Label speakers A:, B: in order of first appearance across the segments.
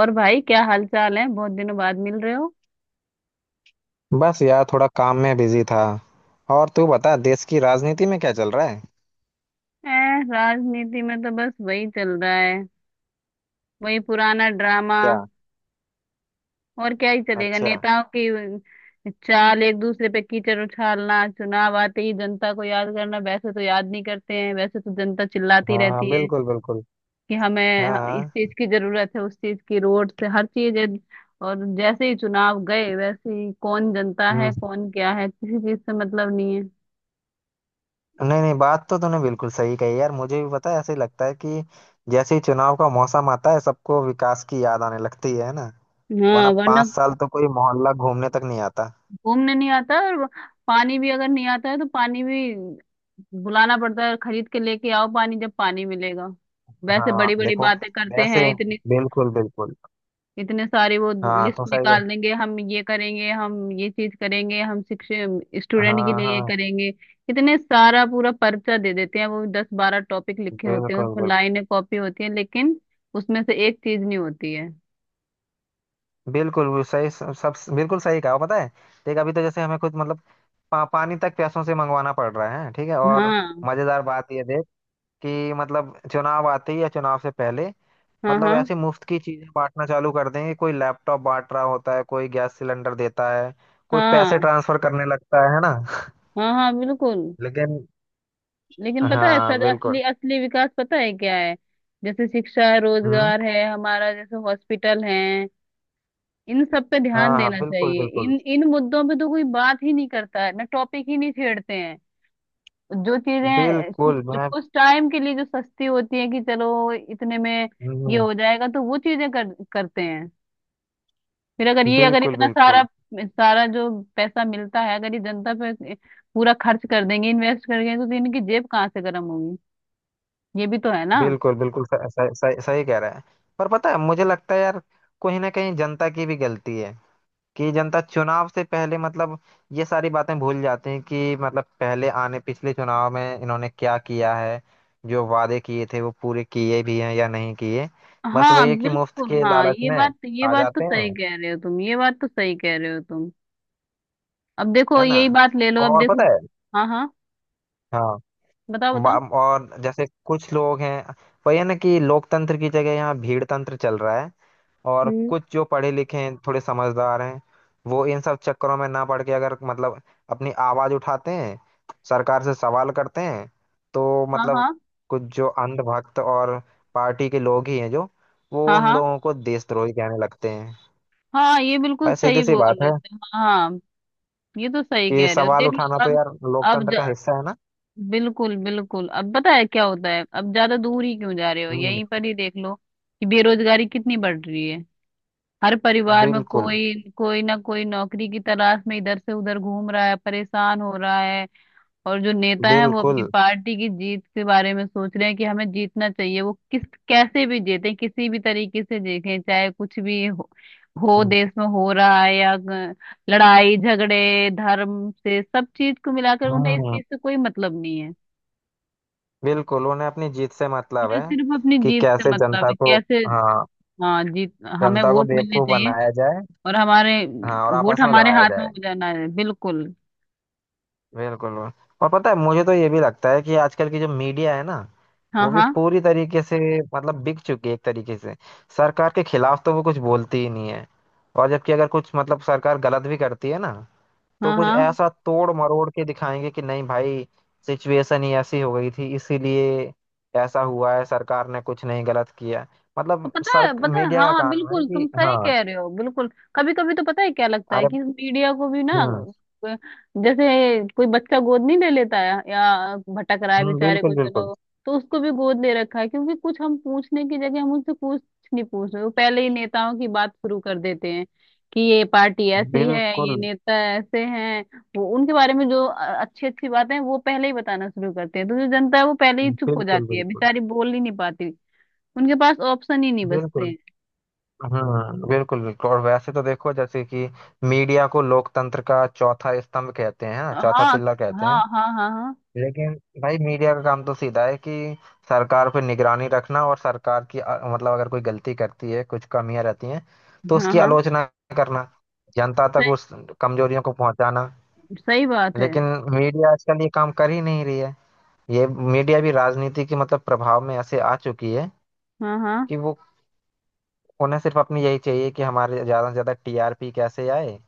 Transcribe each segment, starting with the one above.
A: और भाई, क्या हाल चाल है? बहुत दिनों बाद मिल रहे हो।
B: बस यार थोड़ा काम में बिजी था। और तू बता देश की राजनीति में क्या चल रहा है।
A: ए, राजनीति में तो बस वही चल रहा है, वही पुराना ड्रामा।
B: क्या।
A: और क्या ही चलेगा।
B: अच्छा।
A: नेताओं की चाल, एक दूसरे पे कीचड़ उछालना, चुनाव आते ही जनता को याद करना। वैसे तो याद नहीं करते हैं, वैसे तो जनता चिल्लाती
B: हाँ हाँ
A: रहती है
B: बिल्कुल बिल्कुल।
A: कि हमें
B: हाँ
A: इस
B: हाँ।
A: चीज की जरूरत है, उस चीज की, रोड से हर चीज है। और जैसे ही चुनाव गए, वैसे ही कौन जनता
B: हम्म।
A: है कौन क्या है, किसी चीज से मतलब नहीं है।
B: नहीं नहीं बात तो तूने बिल्कुल सही कही यार मुझे भी पता है ऐसे ही लगता है कि जैसे ही चुनाव का मौसम आता है सबको विकास की याद आने लगती है ना। वरना
A: हाँ, वरना
B: 5 साल तो कोई मोहल्ला घूमने तक नहीं आता।
A: घूमने नहीं आता। और पानी भी अगर नहीं आता है तो पानी भी बुलाना पड़ता है, खरीद के लेके आओ पानी, जब पानी मिलेगा। वैसे
B: हाँ
A: बड़ी बड़ी
B: देखो।
A: बातें करते
B: वैसे
A: हैं इतनी,
B: बिल्कुल बिल्कुल।
A: इतने सारे वो
B: हाँ
A: लिस्ट
B: तो सही है।
A: निकाल देंगे, हम ये करेंगे, हम ये चीज करेंगे, हम शिक्षक स्टूडेंट के
B: हाँ
A: लिए ये
B: हाँ
A: करेंगे। इतने सारा पूरा पर्चा दे देते हैं, वो 10-12 टॉपिक लिखे
B: बिल्कुल
A: होते हैं उसमें,
B: बिल्कुल।
A: लाइनें कॉपी होती हैं, लेकिन उसमें से एक चीज नहीं होती है।
B: बिल्कुल वो सही सब बिल्कुल सही कहा पता है। देख अभी तो जैसे हमें खुद मतलब पानी तक पैसों से मंगवाना पड़ रहा है ठीक है। और
A: हाँ,
B: मजेदार बात यह देख कि मतलब चुनाव आते ही या चुनाव से पहले
A: हाँ,
B: मतलब
A: हाँ,
B: ऐसे मुफ्त की चीजें बांटना चालू कर देंगे। कोई लैपटॉप बांट रहा होता है कोई गैस सिलेंडर देता है कोई पैसे
A: हाँ,
B: ट्रांसफर करने लगता है ना।
A: हाँ, हाँ, बिल्कुल।
B: लेकिन।
A: लेकिन पता है,
B: हाँ
A: सच असली,
B: बिल्कुल।
A: असली विकास पता है क्या है। जैसे शिक्षा है,
B: हम्म।
A: रोजगार है हमारा, जैसे हॉस्पिटल है। इन सब पे
B: हाँ
A: ध्यान
B: हाँ
A: देना
B: बिल्कुल
A: चाहिए।
B: बिल्कुल।
A: इन इन मुद्दों पे तो कोई बात ही नहीं करता है, ना टॉपिक ही नहीं छेड़ते हैं। जो चीजें
B: बिल्कुल
A: कुछ
B: मैं।
A: कुछ टाइम के लिए जो सस्ती होती है, कि चलो इतने में ये
B: हम्म,
A: हो जाएगा, तो वो चीजें करते हैं। फिर अगर
B: बिल्कुल
A: इतना सारा
B: बिल्कुल।
A: सारा जो पैसा मिलता है, अगर ये जनता पे पूरा खर्च कर देंगे, इन्वेस्ट कर देंगे, तो इनकी जेब कहाँ से गर्म होगी? ये भी तो है ना।
B: बिल्कुल। बिल्कुल सही सही सही कह रहा है। पर पता है मुझे लगता है यार कहीं ना कहीं जनता की भी गलती है कि जनता चुनाव से पहले मतलब ये सारी बातें भूल जाते हैं कि मतलब पहले आने पिछले चुनाव में इन्होंने क्या किया है। जो वादे किए थे वो पूरे किए भी हैं या नहीं किए। बस
A: हाँ,
B: वही है कि मुफ्त
A: बिल्कुल।
B: के
A: हाँ
B: लालच
A: ये
B: में
A: बात ये
B: आ
A: बात तो
B: जाते
A: सही
B: हैं
A: कह रहे हो तुम, ये बात तो सही कह रहे हो तुम। अब देखो,
B: है ना।
A: यही बात ले लो, अब
B: और
A: देखो।
B: पता है।
A: हाँ, हाँ,
B: हाँ।
A: बताओ, बताओ।
B: और जैसे कुछ लोग हैं वही है ना कि लोकतंत्र की जगह यहाँ भीड़ तंत्र चल रहा है। और
A: हम्म।
B: कुछ जो पढ़े लिखे हैं थोड़े समझदार हैं वो इन सब चक्करों में ना पड़ के अगर मतलब अपनी आवाज उठाते हैं सरकार से सवाल करते हैं तो
A: हाँ,
B: मतलब
A: हाँ,
B: कुछ जो अंधभक्त और पार्टी के लोग ही हैं जो वो
A: हाँ,
B: उन
A: हाँ,
B: लोगों को देशद्रोही कहने लगते हैं।
A: हाँ, ये बिल्कुल
B: भाई
A: सही
B: सीधी सी
A: बोल
B: बात
A: रहे
B: है
A: थे, हाँ, हाँ। ये तो सही
B: कि
A: कह रहे हो,
B: सवाल
A: देख
B: उठाना
A: लो
B: तो
A: अब।
B: यार
A: अब
B: लोकतंत्र का
A: ज-
B: हिस्सा है ना।
A: बिल्कुल, बिल्कुल। अब पता है क्या होता है, अब ज्यादा दूर ही क्यों जा रहे हो,
B: हम्म
A: यहीं पर ही देख लो कि बेरोजगारी कितनी बढ़ रही है। हर परिवार में
B: बिल्कुल
A: कोई कोई ना कोई नौकरी की तलाश में इधर से उधर घूम रहा है, परेशान हो रहा है। और जो नेता है वो
B: बिल्कुल।
A: अपनी पार्टी की जीत के बारे में सोच रहे हैं कि हमें जीतना चाहिए, वो किस कैसे भी जीते, किसी भी तरीके से जीतें, चाहे कुछ भी हो
B: हम्म
A: देश में हो रहा है लड़ाई झगड़े धर्म से, सब चीज को मिलाकर उन्हें इस
B: हम्म,
A: चीज से कोई मतलब नहीं है।
B: बिल्कुल उन्हें अपनी जीत से मतलब
A: उन्हें
B: है
A: सिर्फ अपनी
B: कि
A: जीत से
B: कैसे
A: मतलब
B: जनता
A: है।
B: को।
A: कैसे?
B: हाँ
A: हाँ, जीत, हमें
B: जनता को
A: वोट मिलने
B: बेवकूफ
A: चाहिए,
B: बनाया जाए।
A: और हमारे
B: हाँ और आपस
A: वोट
B: में
A: हमारे
B: लड़ाया
A: हाथ में
B: जाए।
A: हो जाना है, बिल्कुल।
B: बिल्कुल। और पता है मुझे तो ये भी लगता है कि आजकल की जो मीडिया है ना
A: हाँ,
B: वो भी
A: हाँ,
B: पूरी तरीके से मतलब बिक चुकी है एक तरीके से सरकार के खिलाफ तो वो कुछ बोलती ही नहीं है। और जबकि अगर कुछ मतलब सरकार गलत भी करती है ना तो
A: हाँ,
B: कुछ
A: हाँ,
B: ऐसा तोड़ मरोड़ के दिखाएंगे कि नहीं भाई सिचुएशन ही ऐसी हो गई थी इसीलिए ऐसा हुआ है सरकार ने कुछ नहीं गलत किया।
A: तो
B: मतलब
A: पता
B: सर
A: है, पता है,
B: मीडिया का
A: हाँ
B: काम है
A: बिल्कुल, तुम
B: कि
A: सही
B: हाँ।
A: कह रहे हो, बिल्कुल। कभी कभी तो पता है क्या लगता है
B: अरे।
A: कि मीडिया को भी ना,
B: हम्म
A: अ, जैसे कोई बच्चा गोद नहीं ले लेता है या भटक रहा है बेचारे को,
B: बिल्कुल बिल्कुल
A: चलो तो उसको भी गोद ले रखा है। क्योंकि कुछ हम पूछने की जगह, हम उनसे कुछ नहीं पूछ रहे, वो पहले ही नेताओं की बात शुरू कर देते हैं कि ये पार्टी ऐसी है, ये
B: बिल्कुल
A: नेता ऐसे हैं। वो उनके बारे में जो अच्छी अच्छी बातें हैं, वो पहले ही बताना शुरू करते हैं। तो जो जनता है वो पहले ही चुप हो
B: बिल्कुल
A: जाती है,
B: बिल्कुल
A: बेचारी बोल ही नहीं पाती, उनके पास ऑप्शन ही नहीं बचते
B: बिल्कुल।
A: हैं।
B: बिल्कुल बिल्कुल और वैसे तो देखो जैसे कि मीडिया को लोकतंत्र का चौथा स्तंभ कहते हैं हाँ,
A: हाँ,
B: चौथा
A: हाँ,
B: पिल्ला कहते
A: हाँ,
B: हैं।
A: हाँ, हाँ,
B: लेकिन भाई मीडिया का काम तो सीधा है कि सरकार पे निगरानी रखना और सरकार की मतलब अगर कोई गलती करती है कुछ कमियां रहती हैं तो
A: हाँ,
B: उसकी
A: हाँ,
B: आलोचना करना जनता तक
A: सही,
B: उस कमजोरियों को पहुंचाना।
A: सही बात है,
B: लेकिन मीडिया आजकल ये काम कर ही नहीं रही है। ये मीडिया भी राजनीति के मतलब प्रभाव में ऐसे आ चुकी है
A: हाँ, हाँ,
B: कि वो उन्हें सिर्फ अपनी यही चाहिए कि हमारे ज्यादा से ज्यादा टीआरपी कैसे आए।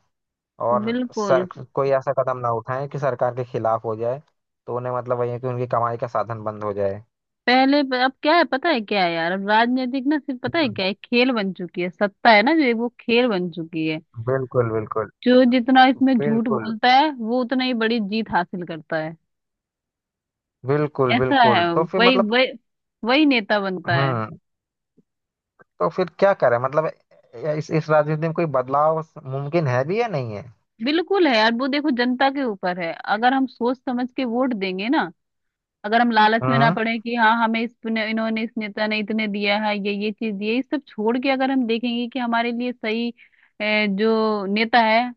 B: और
A: बिल्कुल।
B: कोई ऐसा कदम ना उठाए कि सरकार के खिलाफ हो जाए तो उन्हें मतलब वही है कि उनकी कमाई का साधन बंद हो जाए।
A: अब क्या है, पता है क्या है यार, अब राजनीतिक ना सिर्फ, पता है
B: हम्म,
A: क्या है, खेल बन चुकी है, सत्ता है ना जो, वो खेल बन चुकी है।
B: बिल्कुल बिल्कुल
A: जो जितना इसमें झूठ
B: बिल्कुल
A: बोलता है, वो उतना ही बड़ी जीत हासिल करता है।
B: बिल्कुल
A: ऐसा है,
B: बिल्कुल तो फिर
A: वही
B: मतलब।
A: वही वही नेता बनता है।
B: हम्म। तो फिर क्या करें मतलब इस राजनीति में कोई बदलाव मुमकिन है भी या नहीं है।
A: बिल्कुल है यार, वो देखो जनता के ऊपर है। अगर हम सोच समझ के वोट देंगे ना, अगर हम लालच में ना
B: हम्म।
A: पड़े कि हाँ हमें इस इन्होंने, इस नेता ने इतने दिया है, ये चीज दिए, ये सब छोड़ के अगर हम देखेंगे कि हमारे लिए सही जो नेता है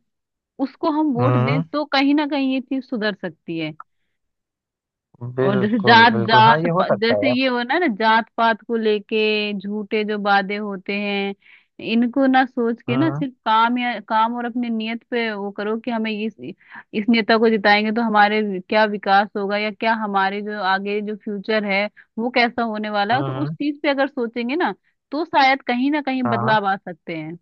A: उसको हम वोट दें,
B: हम्म
A: तो कहीं ना कहीं ये चीज सुधर सकती है। और जैसे
B: बिल्कुल
A: जात
B: बिल्कुल हाँ
A: जात
B: ये हो
A: प-
B: सकता
A: जैसे
B: है।
A: ये हो ना ना जात पात को लेके झूठे जो वादे होते हैं, इनको ना सोच के, ना
B: हम्म
A: सिर्फ काम या काम और अपनी नियत पे वो करो, कि हमें इस नेता को जिताएंगे तो हमारे क्या विकास होगा, या क्या हमारे जो आगे जो फ्यूचर है वो कैसा होने वाला है, तो उस
B: हम्म।
A: चीज पे अगर सोचेंगे ना, तो शायद कहीं ना कहीं
B: हाँ
A: बदलाव आ सकते हैं।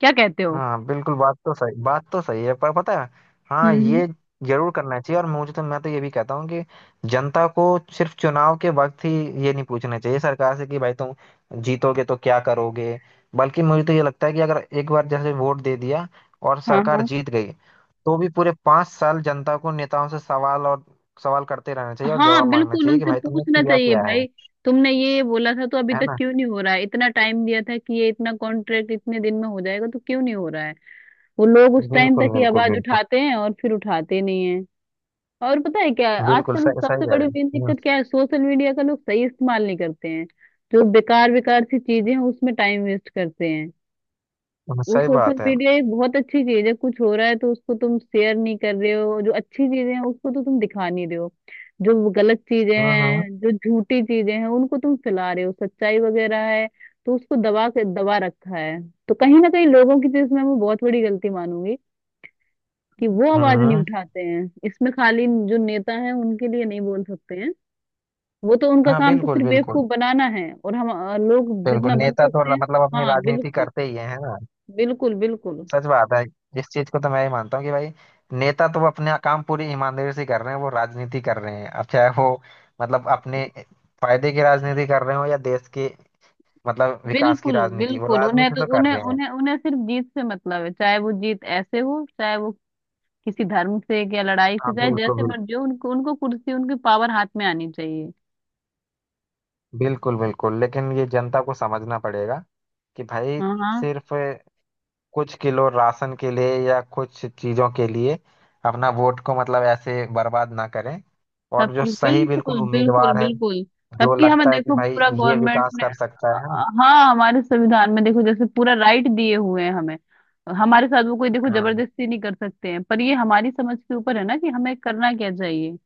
A: क्या कहते हो?
B: हाँ बिल्कुल बात तो सही है पर पता है। हाँ
A: हम्म,
B: ये जरूर करना चाहिए और मुझे तो मैं तो ये भी कहता हूँ कि जनता को सिर्फ चुनाव के वक्त ही ये नहीं पूछना चाहिए सरकार से कि भाई तुम जीतोगे तो क्या करोगे। बल्कि मुझे तो ये लगता है कि अगर एक बार जैसे वोट दे दिया और सरकार
A: हाँ,
B: जीत गई तो भी पूरे 5 साल जनता को नेताओं से सवाल और सवाल करते रहना चाहिए और
A: हाँ,
B: जवाब मांगना
A: बिल्कुल,
B: चाहिए कि
A: उनसे
B: भाई तुमने
A: पूछना
B: किया
A: चाहिए
B: क्या
A: भाई, तुमने ये बोला था तो अभी
B: है
A: तक
B: ना।
A: क्यों नहीं हो रहा है? इतना टाइम दिया था कि ये इतना कॉन्ट्रैक्ट इतने दिन में हो जाएगा, तो क्यों नहीं हो रहा है? वो लोग उस टाइम तक
B: बिल्कुल
A: ही
B: बिल्कुल
A: आवाज
B: बिल्कुल
A: उठाते हैं और फिर उठाते नहीं है। और पता है क्या है?
B: बिल्कुल
A: आजकल
B: सही सही
A: सबसे
B: कह
A: बड़ी
B: रहे
A: मेन
B: हैं।
A: दिक्कत क्या है, सोशल मीडिया का लोग सही इस्तेमाल नहीं करते हैं। जो बेकार बेकार सी चीजें हैं उसमें टाइम वेस्ट करते हैं। वो
B: सही
A: सोशल
B: बात है।
A: मीडिया एक बहुत अच्छी चीज है, कुछ हो रहा है तो उसको तुम शेयर नहीं कर रहे हो, जो अच्छी चीजें हैं उसको तो तुम दिखा नहीं रहे हो। जो गलत चीजें
B: हम्म हम्म
A: हैं, जो झूठी चीजें हैं, उनको तुम फैला रहे हो, सच्चाई वगैरह है तो उसको दबा के दबा रखा है। तो कहीं ना कहीं लोगों की तो इसमें, मैं वो बहुत बड़ी गलती मानूंगी कि वो आवाज नहीं
B: हम्म।
A: उठाते हैं। इसमें खाली जो नेता हैं उनके लिए नहीं बोल सकते हैं, वो तो उनका
B: हाँ
A: काम तो
B: बिल्कुल
A: सिर्फ
B: बिल्कुल
A: बेवकूफ बनाना है, और हम लोग
B: बिल्कुल।
A: जितना बन
B: नेता तो
A: सकते हैं।
B: मतलब अपनी
A: हाँ,
B: राजनीति
A: बिल्कुल,
B: करते ही हैं है ना।
A: बिल्कुल, बिल्कुल,
B: सच बात है। इस चीज को तो मैं ही मानता हूँ कि भाई नेता तो अपना काम पूरी ईमानदारी से कर रहे हैं वो राजनीति कर रहे हैं अब चाहे वो मतलब अपने फायदे की राजनीति कर रहे हो या देश के मतलब विकास की
A: बिल्कुल,
B: राजनीति वो
A: बिल्कुल। उन्हें
B: राजनीति
A: तो
B: तो कर
A: उन्हें
B: रहे हैं।
A: उन्हें उन्हें सिर्फ जीत से मतलब है, चाहे वो जीत ऐसे हो, चाहे वो किसी धर्म से या लड़ाई
B: हाँ
A: से, चाहे
B: बिल्कुल
A: जैसे
B: बिल्कुल
A: मर्जी हो, उनको उनको कुर्सी, उनकी पावर हाथ में आनी चाहिए।
B: बिल्कुल बिल्कुल। लेकिन ये जनता को समझना पड़ेगा कि भाई
A: हाँ, हाँ,
B: सिर्फ कुछ किलो राशन के लिए या कुछ चीजों के लिए अपना वोट को मतलब ऐसे बर्बाद ना करें। और जो
A: सबकी।
B: सही बिल्कुल
A: बिल्कुल, बिल्कुल,
B: उम्मीदवार है
A: बिल्कुल,
B: जो
A: सबकी हमें
B: लगता है कि
A: देखो
B: भाई
A: पूरा
B: ये
A: गवर्नमेंट
B: विकास
A: ने।
B: कर सकता है ना।
A: हाँ, हमारे संविधान में देखो जैसे पूरा राइट दिए हुए हैं हमें, हमारे साथ वो कोई देखो
B: हाँ
A: जबरदस्ती नहीं कर सकते हैं, पर ये हमारी समझ के ऊपर है ना कि हमें करना क्या चाहिए।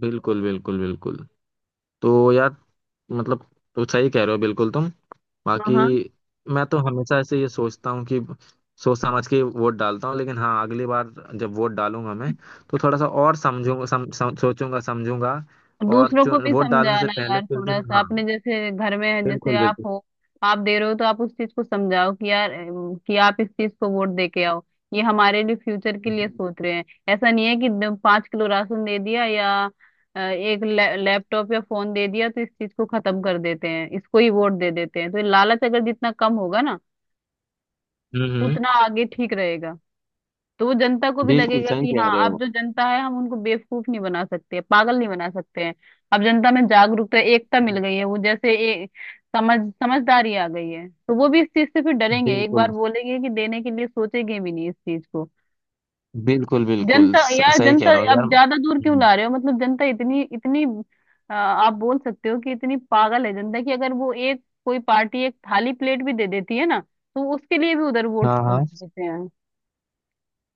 B: बिल्कुल बिल्कुल बिल्कुल। तो यार मतलब तो सही कह रहे हो बिल्कुल तुम
A: हाँ,
B: बाकी।
A: हाँ।
B: मैं तो हमेशा ऐसे ये सोचता हूँ कि सोच समझ के वोट डालता हूँ लेकिन हाँ अगली बार जब वोट डालूंगा मैं तो थोड़ा सा और समझूंगा सम, सम, सोचूंगा समझूंगा। और
A: दूसरों को भी
B: वोट डालने से
A: समझाना
B: पहले
A: यार,
B: कुछ
A: थोड़ा
B: दिन
A: सा
B: हाँ
A: अपने जैसे घर में है, जैसे
B: बिल्कुल
A: आप
B: बिल्कुल।
A: हो, आप दे रहे हो, तो आप उस चीज को समझाओ कि यार कि आप इस चीज को वोट दे के आओ, ये हमारे लिए फ्यूचर के लिए
B: हम्म
A: सोच रहे हैं। ऐसा नहीं है कि 5 किलो राशन दे दिया, या एक लैपटॉप या फोन दे दिया, तो इस चीज को खत्म कर देते हैं, इसको ही वोट दे देते हैं। तो ये लालच अगर जितना कम होगा ना,
B: हम्म
A: उतना आगे ठीक रहेगा। तो वो जनता को भी
B: बिल्कुल
A: लगेगा
B: सही
A: कि
B: कह
A: हाँ,
B: रहे
A: अब
B: हो
A: जो जनता है हम उनको बेवकूफ नहीं बना सकते, पागल नहीं बना सकते हैं। अब जनता में जागरूकता, एकता मिल गई है, वो जैसे एक समझदारी आ गई है। तो वो भी इस चीज से फिर डरेंगे, एक
B: बिल्कुल
A: बार बोलेंगे कि देने के लिए सोचेंगे भी नहीं इस चीज को।
B: बिल्कुल बिल्कुल
A: जनता यार,
B: सही
A: जनता
B: कह रहे हो यार
A: अब ज्यादा दूर क्यों ला रहे हो? मतलब जनता इतनी इतनी आप बोल सकते हो कि इतनी पागल है जनता, कि अगर वो एक कोई पार्टी एक थाली प्लेट भी दे देती है ना, तो उसके लिए भी उधर वोट
B: हाँ हाँ
A: देते हैं।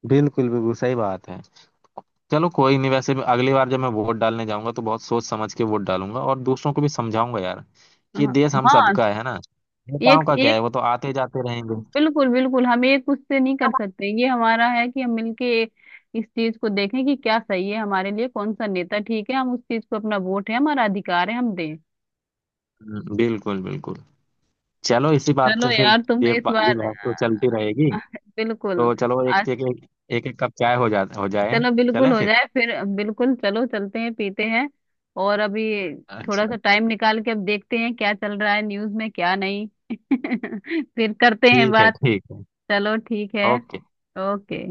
B: बिल्कुल बिल्कुल सही बात है। चलो कोई नहीं वैसे भी अगली बार जब मैं वोट डालने जाऊंगा तो बहुत सोच समझ के वोट डालूंगा और दूसरों को भी समझाऊंगा यार कि
A: हाँ,
B: देश हम
A: हाँ,
B: सबका है ना नेताओं
A: एक
B: का क्या है वो तो आते जाते रहेंगे।
A: बिल्कुल, बिल्कुल। हम एक खुद से नहीं कर सकते, ये हमारा है कि हम मिलके इस चीज को देखें कि क्या सही है हमारे लिए, कौन सा नेता ठीक है, हम उस चीज को, अपना वोट है, हमारा अधिकार है, हम दें।
B: बिल्कुल बिल्कुल। चलो इसी बात
A: चलो
B: पे फिर
A: यार, तुम इस
B: ये
A: बार
B: बात तो चलती रहेगी।
A: अ, बिल्कुल,
B: तो चलो
A: आज
B: एक एक कप चाय हो जाए।
A: चलो, बिल्कुल
B: चलें
A: हो
B: फिर।
A: जाए फिर। बिल्कुल, चलो चलते हैं, पीते हैं। और अभी थोड़ा
B: अच्छा।
A: सा टाइम निकाल के अब देखते हैं क्या चल रहा है न्यूज में, क्या नहीं। फिर करते हैं
B: ठीक है
A: बात।
B: ठीक है।
A: चलो ठीक है,
B: ओके।
A: ओके।